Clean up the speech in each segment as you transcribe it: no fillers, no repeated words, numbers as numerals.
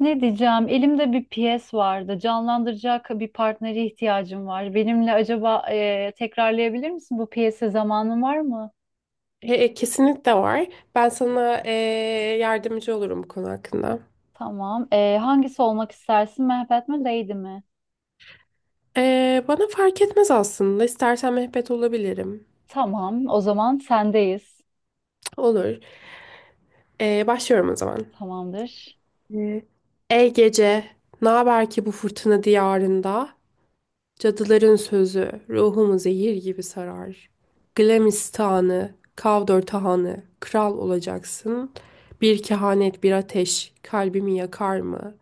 Ne diyeceğim? Elimde bir piyes vardı. Canlandıracak bir partnere ihtiyacım var. Benimle acaba tekrarlayabilir misin bu piyesi? Zamanın var mı? Kesinlikle var. Ben sana yardımcı olurum bu konu hakkında. Tamam. Hangisi olmak istersin? Mehmet mi, Lady mi? Bana fark etmez aslında. İstersen mehbet olabilirim. Tamam. O zaman sendeyiz. Olur. Başlıyorum o zaman. Tamamdır. E, Ey gece, ne haber ki bu fırtına diyarında? Cadıların sözü ruhumu zehir gibi sarar. Glamistanı, Kavdor tahanı, kral olacaksın. Bir kehanet, bir ateş kalbimi yakar mı?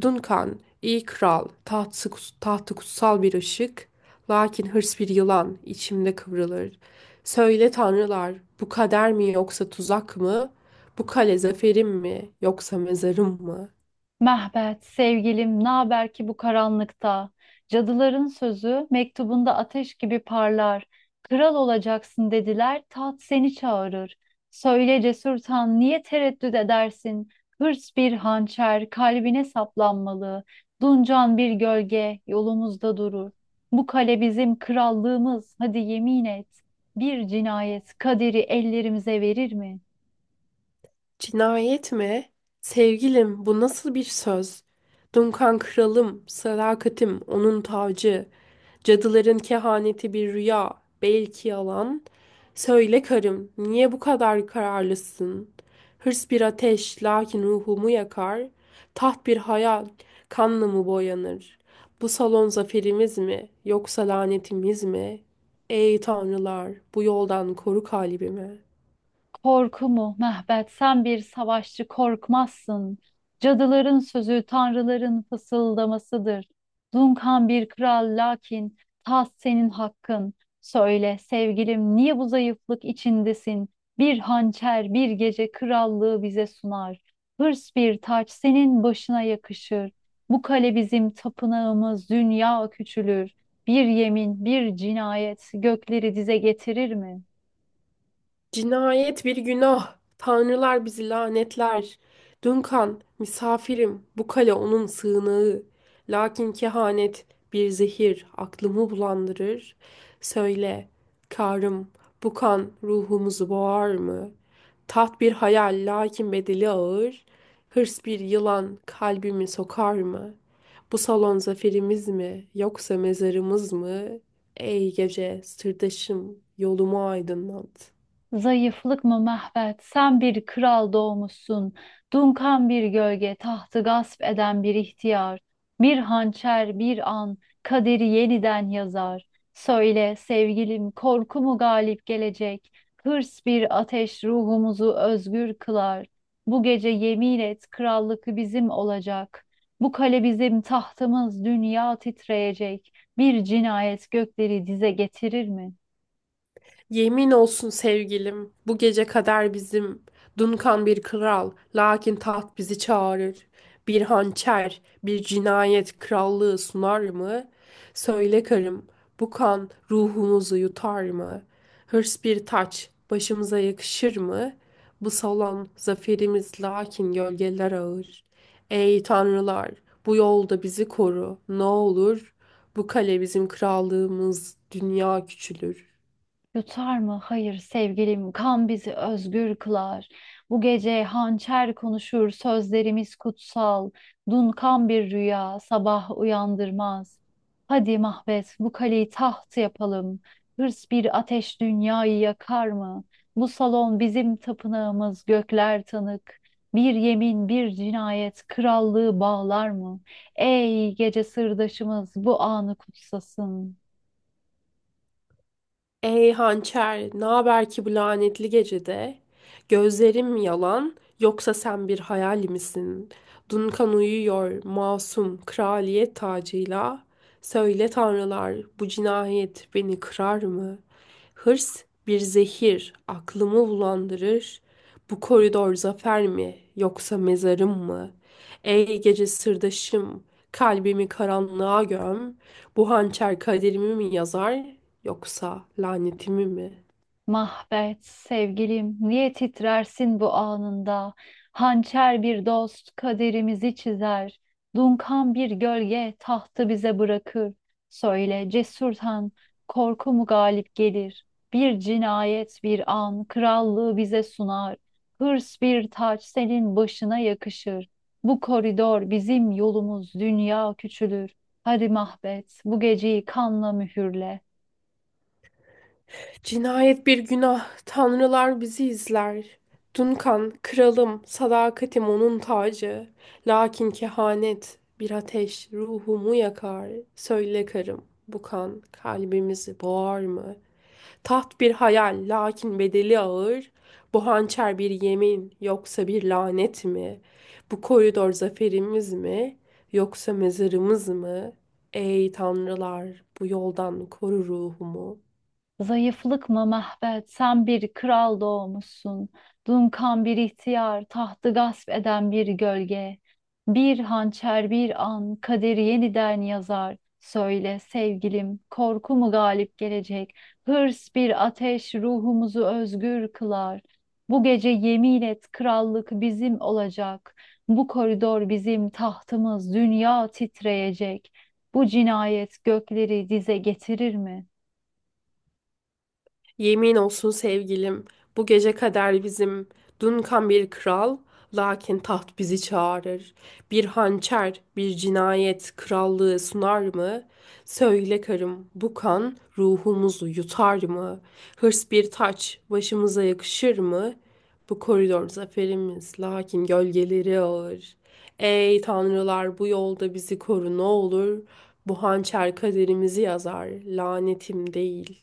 Duncan, iyi kral, tahtı kutsal bir ışık, lakin hırs bir yılan, içimde kıvrılır. Söyle tanrılar, bu kader mi yoksa tuzak mı? Bu kale zaferim mi yoksa mezarım mı? Mehmet, sevgilim, naber ki bu karanlıkta? Cadıların sözü mektubunda ateş gibi parlar. Kral olacaksın dediler, taht seni çağırır. Söyle cesur tan, niye tereddüt edersin? Hırs bir hançer, kalbine saplanmalı. Duncan bir gölge, yolumuzda durur. Bu kale bizim krallığımız, hadi yemin et. Bir cinayet kaderi ellerimize verir mi? Cinayet mi? Sevgilim, bu nasıl bir söz? Dunkan kralım, sadakatim, onun tacı. Cadıların kehaneti bir rüya, belki yalan. Söyle karım, niye bu kadar kararlısın? Hırs bir ateş, lakin ruhumu yakar. Taht bir hayal, kanla mı boyanır? Bu salon zaferimiz mi, yoksa lanetimiz mi? Ey tanrılar, bu yoldan koru kalbimi. Korku mu Mehmet, sen bir savaşçı korkmazsın. Cadıların sözü tanrıların fısıldamasıdır. Dunkan bir kral, lakin taht senin hakkın. Söyle sevgilim, niye bu zayıflık içindesin? Bir hançer bir gece krallığı bize sunar. Hırs bir taç senin başına yakışır. Bu kale bizim tapınağımız, dünya küçülür. Bir yemin bir cinayet gökleri dize getirir mi? Cinayet bir günah. Tanrılar bizi lanetler. Duncan, misafirim, bu kale onun sığınağı. Lakin kehanet bir zehir aklımı bulandırır. Söyle, karım, bu kan ruhumuzu boğar mı? Taht bir hayal, lakin bedeli ağır. Hırs bir yılan kalbimi sokar mı? Bu salon zaferimiz mi, yoksa mezarımız mı? Ey gece, sırdaşım, yolumu aydınlat. Zayıflık mı Mehmet? Sen bir kral doğmuşsun. Dunkan bir gölge, tahtı gasp eden bir ihtiyar. Bir hançer, bir an, kaderi yeniden yazar. Söyle sevgilim, korku mu galip gelecek? Hırs bir ateş ruhumuzu özgür kılar. Bu gece yemin et, krallık bizim olacak. Bu kale bizim tahtımız, dünya titreyecek. Bir cinayet gökleri dize getirir mi? Yemin olsun sevgilim, bu gece kader bizim. Dunkan bir kral, lakin taht bizi çağırır. Bir hançer, bir cinayet krallığı sunar mı? Söyle karım, bu kan ruhumuzu yutar mı? Hırs bir taç, başımıza yakışır mı? Bu salon zaferimiz lakin gölgeler ağır. Ey tanrılar, bu yolda bizi koru, ne olur. Bu kale bizim krallığımız, dünya küçülür. Yutar mı? Hayır sevgilim, kan bizi özgür kılar. Bu gece hançer konuşur, sözlerimiz kutsal. Dunkan bir rüya, sabah uyandırmaz. Hadi Mahvet, bu kaleyi taht yapalım. Hırs bir ateş dünyayı yakar mı? Bu salon bizim tapınağımız, gökler tanık. Bir yemin, bir cinayet, krallığı bağlar mı? Ey gece sırdaşımız, bu anı kutsasın. Ey hançer, ne haber ki bu lanetli gecede? Gözlerim yalan, yoksa sen bir hayal misin? Dunkan uyuyor, masum, kraliyet tacıyla. Söyle tanrılar, bu cinayet beni kırar mı? Hırs bir zehir, aklımı bulandırır. Bu koridor zafer mi, yoksa mezarım mı? Ey gece sırdaşım, kalbimi karanlığa göm. Bu hançer kaderimi mi yazar, yoksa lanetimi mi? Mahbet, sevgilim, niye titrersin bu anında? Hançer bir dost kaderimizi çizer. Dunkan bir gölge tahtı bize bırakır. Söyle cesurtan, korku mu galip gelir? Bir cinayet bir an krallığı bize sunar. Hırs bir taç senin başına yakışır. Bu koridor bizim yolumuz, dünya küçülür. Hadi Mahbet, bu geceyi kanla mühürle. Cinayet bir günah, tanrılar bizi izler. Duncan kralım, sadakatim onun tacı. Lakin kehanet, bir ateş ruhumu yakar. Söyle karım, bu kan kalbimizi boğar mı? Taht bir hayal, lakin bedeli ağır. Bu hançer bir yemin, yoksa bir lanet mi? Bu koridor zaferimiz mi, yoksa mezarımız mı? Ey tanrılar, bu yoldan koru ruhumu. Zayıflık mı Mehmet? Sen bir kral doğmuşsun. Dunkan bir ihtiyar, tahtı gasp eden bir gölge. Bir hançer bir an kaderi yeniden yazar. Söyle sevgilim, korku mu galip gelecek? Hırs bir ateş ruhumuzu özgür kılar. Bu gece yemin et, krallık bizim olacak. Bu koridor bizim tahtımız, dünya titreyecek. Bu cinayet gökleri dize getirir mi? Yemin olsun sevgilim, bu gece kader bizim. Dunkan bir kral, lakin taht bizi çağırır. Bir hançer, bir cinayet krallığı sunar mı? Söyle karım, bu kan ruhumuzu yutar mı? Hırs bir taç, başımıza yakışır mı? Bu koridor zaferimiz, lakin gölgeleri ağır. Ey tanrılar, bu yolda bizi koru ne olur. Bu hançer kaderimizi yazar, lanetim değil.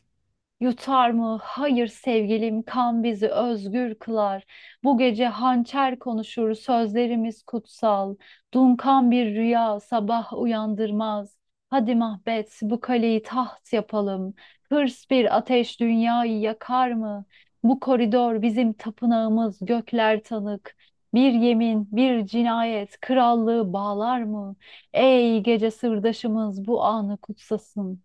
Yutar mı? Hayır sevgilim, kan bizi özgür kılar. Bu gece hançer konuşur, sözlerimiz kutsal. Dunkan bir rüya sabah uyandırmaz. Hadi Mahbet, bu kaleyi taht yapalım. Hırs bir ateş dünyayı yakar mı? Bu koridor bizim tapınağımız, gökler tanık. Bir yemin, bir cinayet krallığı bağlar mı? Ey gece sırdaşımız bu anı kutsasın.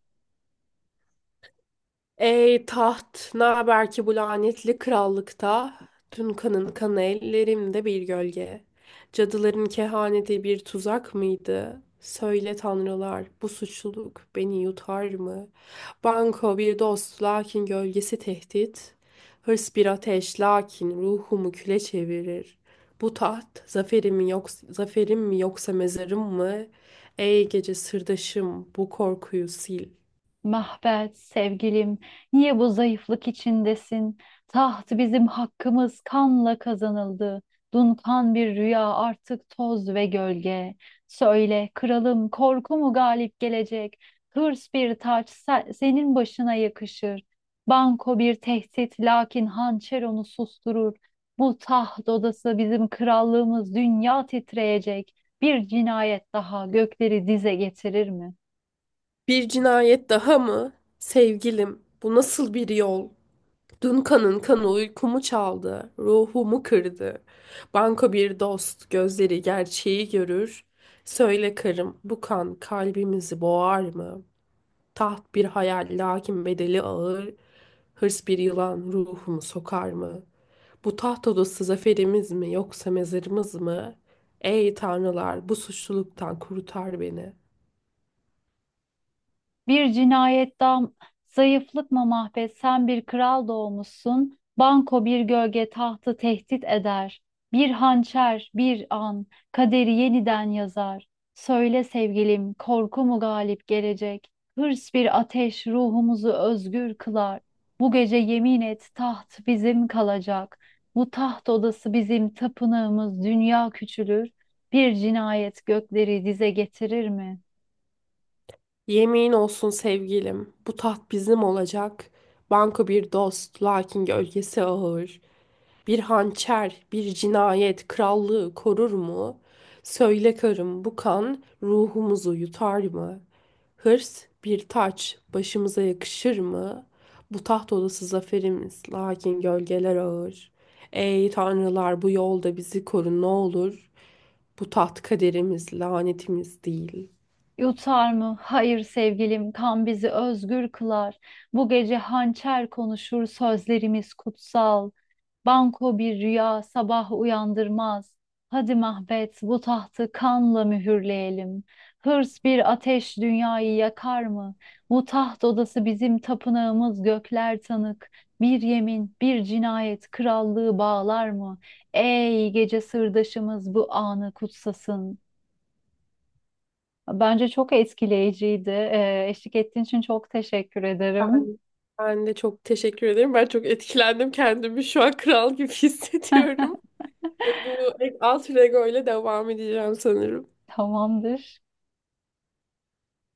Ey taht, ne haber ki bu lanetli krallıkta? Tüm kanın kanı ellerimde bir gölge. Cadıların kehaneti bir tuzak mıydı? Söyle tanrılar, bu suçluluk beni yutar mı? Banko bir dost, lakin gölgesi tehdit. Hırs bir ateş, lakin ruhumu küle çevirir. Bu taht, zaferim mi yoksa mezarım mı? Ey gece sırdaşım, bu korkuyu sil. Mahvet, sevgilim, niye bu zayıflık içindesin? Taht bizim hakkımız, kanla kazanıldı. Dunkan bir rüya, artık toz ve gölge. Söyle kralım, korku mu galip gelecek? Hırs bir taç senin başına yakışır. Banko bir tehdit, lakin hançer onu susturur. Bu taht odası bizim krallığımız, dünya titreyecek. Bir cinayet daha gökleri dize getirir mi? Bir cinayet daha mı? Sevgilim, bu nasıl bir yol? Dün kanın kanı uykumu çaldı, ruhumu kırdı. Banko bir dost, gözleri gerçeği görür. Söyle karım, bu kan kalbimizi boğar mı? Taht bir hayal, lakin bedeli ağır. Hırs bir yılan ruhumu sokar mı? Bu taht odası zaferimiz mi, yoksa mezarımız mı? Ey tanrılar, bu suçluluktan kurtar beni. Bir cinayettan zayıflık mı Mahvet, sen bir kral doğmuşsun. Banko bir gölge tahtı tehdit eder. Bir hançer bir an kaderi yeniden yazar. Söyle sevgilim, korku mu galip gelecek? Hırs bir ateş ruhumuzu özgür kılar. Bu gece yemin et, taht bizim kalacak. Bu taht odası bizim tapınağımız, dünya küçülür. Bir cinayet gökleri dize getirir mi? Yemin olsun sevgilim, bu taht bizim olacak. Banko bir dost, lakin gölgesi ağır. Bir hançer, bir cinayet krallığı korur mu? Söyle karım, bu kan ruhumuzu yutar mı? Hırs bir taç, başımıza yakışır mı? Bu taht odası zaferimiz, lakin gölgeler ağır. Ey tanrılar, bu yolda bizi korun ne olur. Bu taht kaderimiz, lanetimiz değil. Yutar mı? Hayır sevgilim, kan bizi özgür kılar. Bu gece hançer konuşur, sözlerimiz kutsal. Banko bir rüya sabah uyandırmaz. Hadi Mahbet, bu tahtı kanla mühürleyelim. Hırs bir ateş dünyayı yakar mı? Bu taht odası bizim tapınağımız, gökler tanık. Bir yemin, bir cinayet krallığı bağlar mı? Ey gece sırdaşımız bu anı kutsasın. Bence çok etkileyiciydi. Eşlik ettiğin için çok teşekkür ederim. Ben de çok teşekkür ederim. Ben çok etkilendim. Kendimi şu an kral gibi hissediyorum. Ve bu alt Lego ile devam edeceğim sanırım. Tamamdır.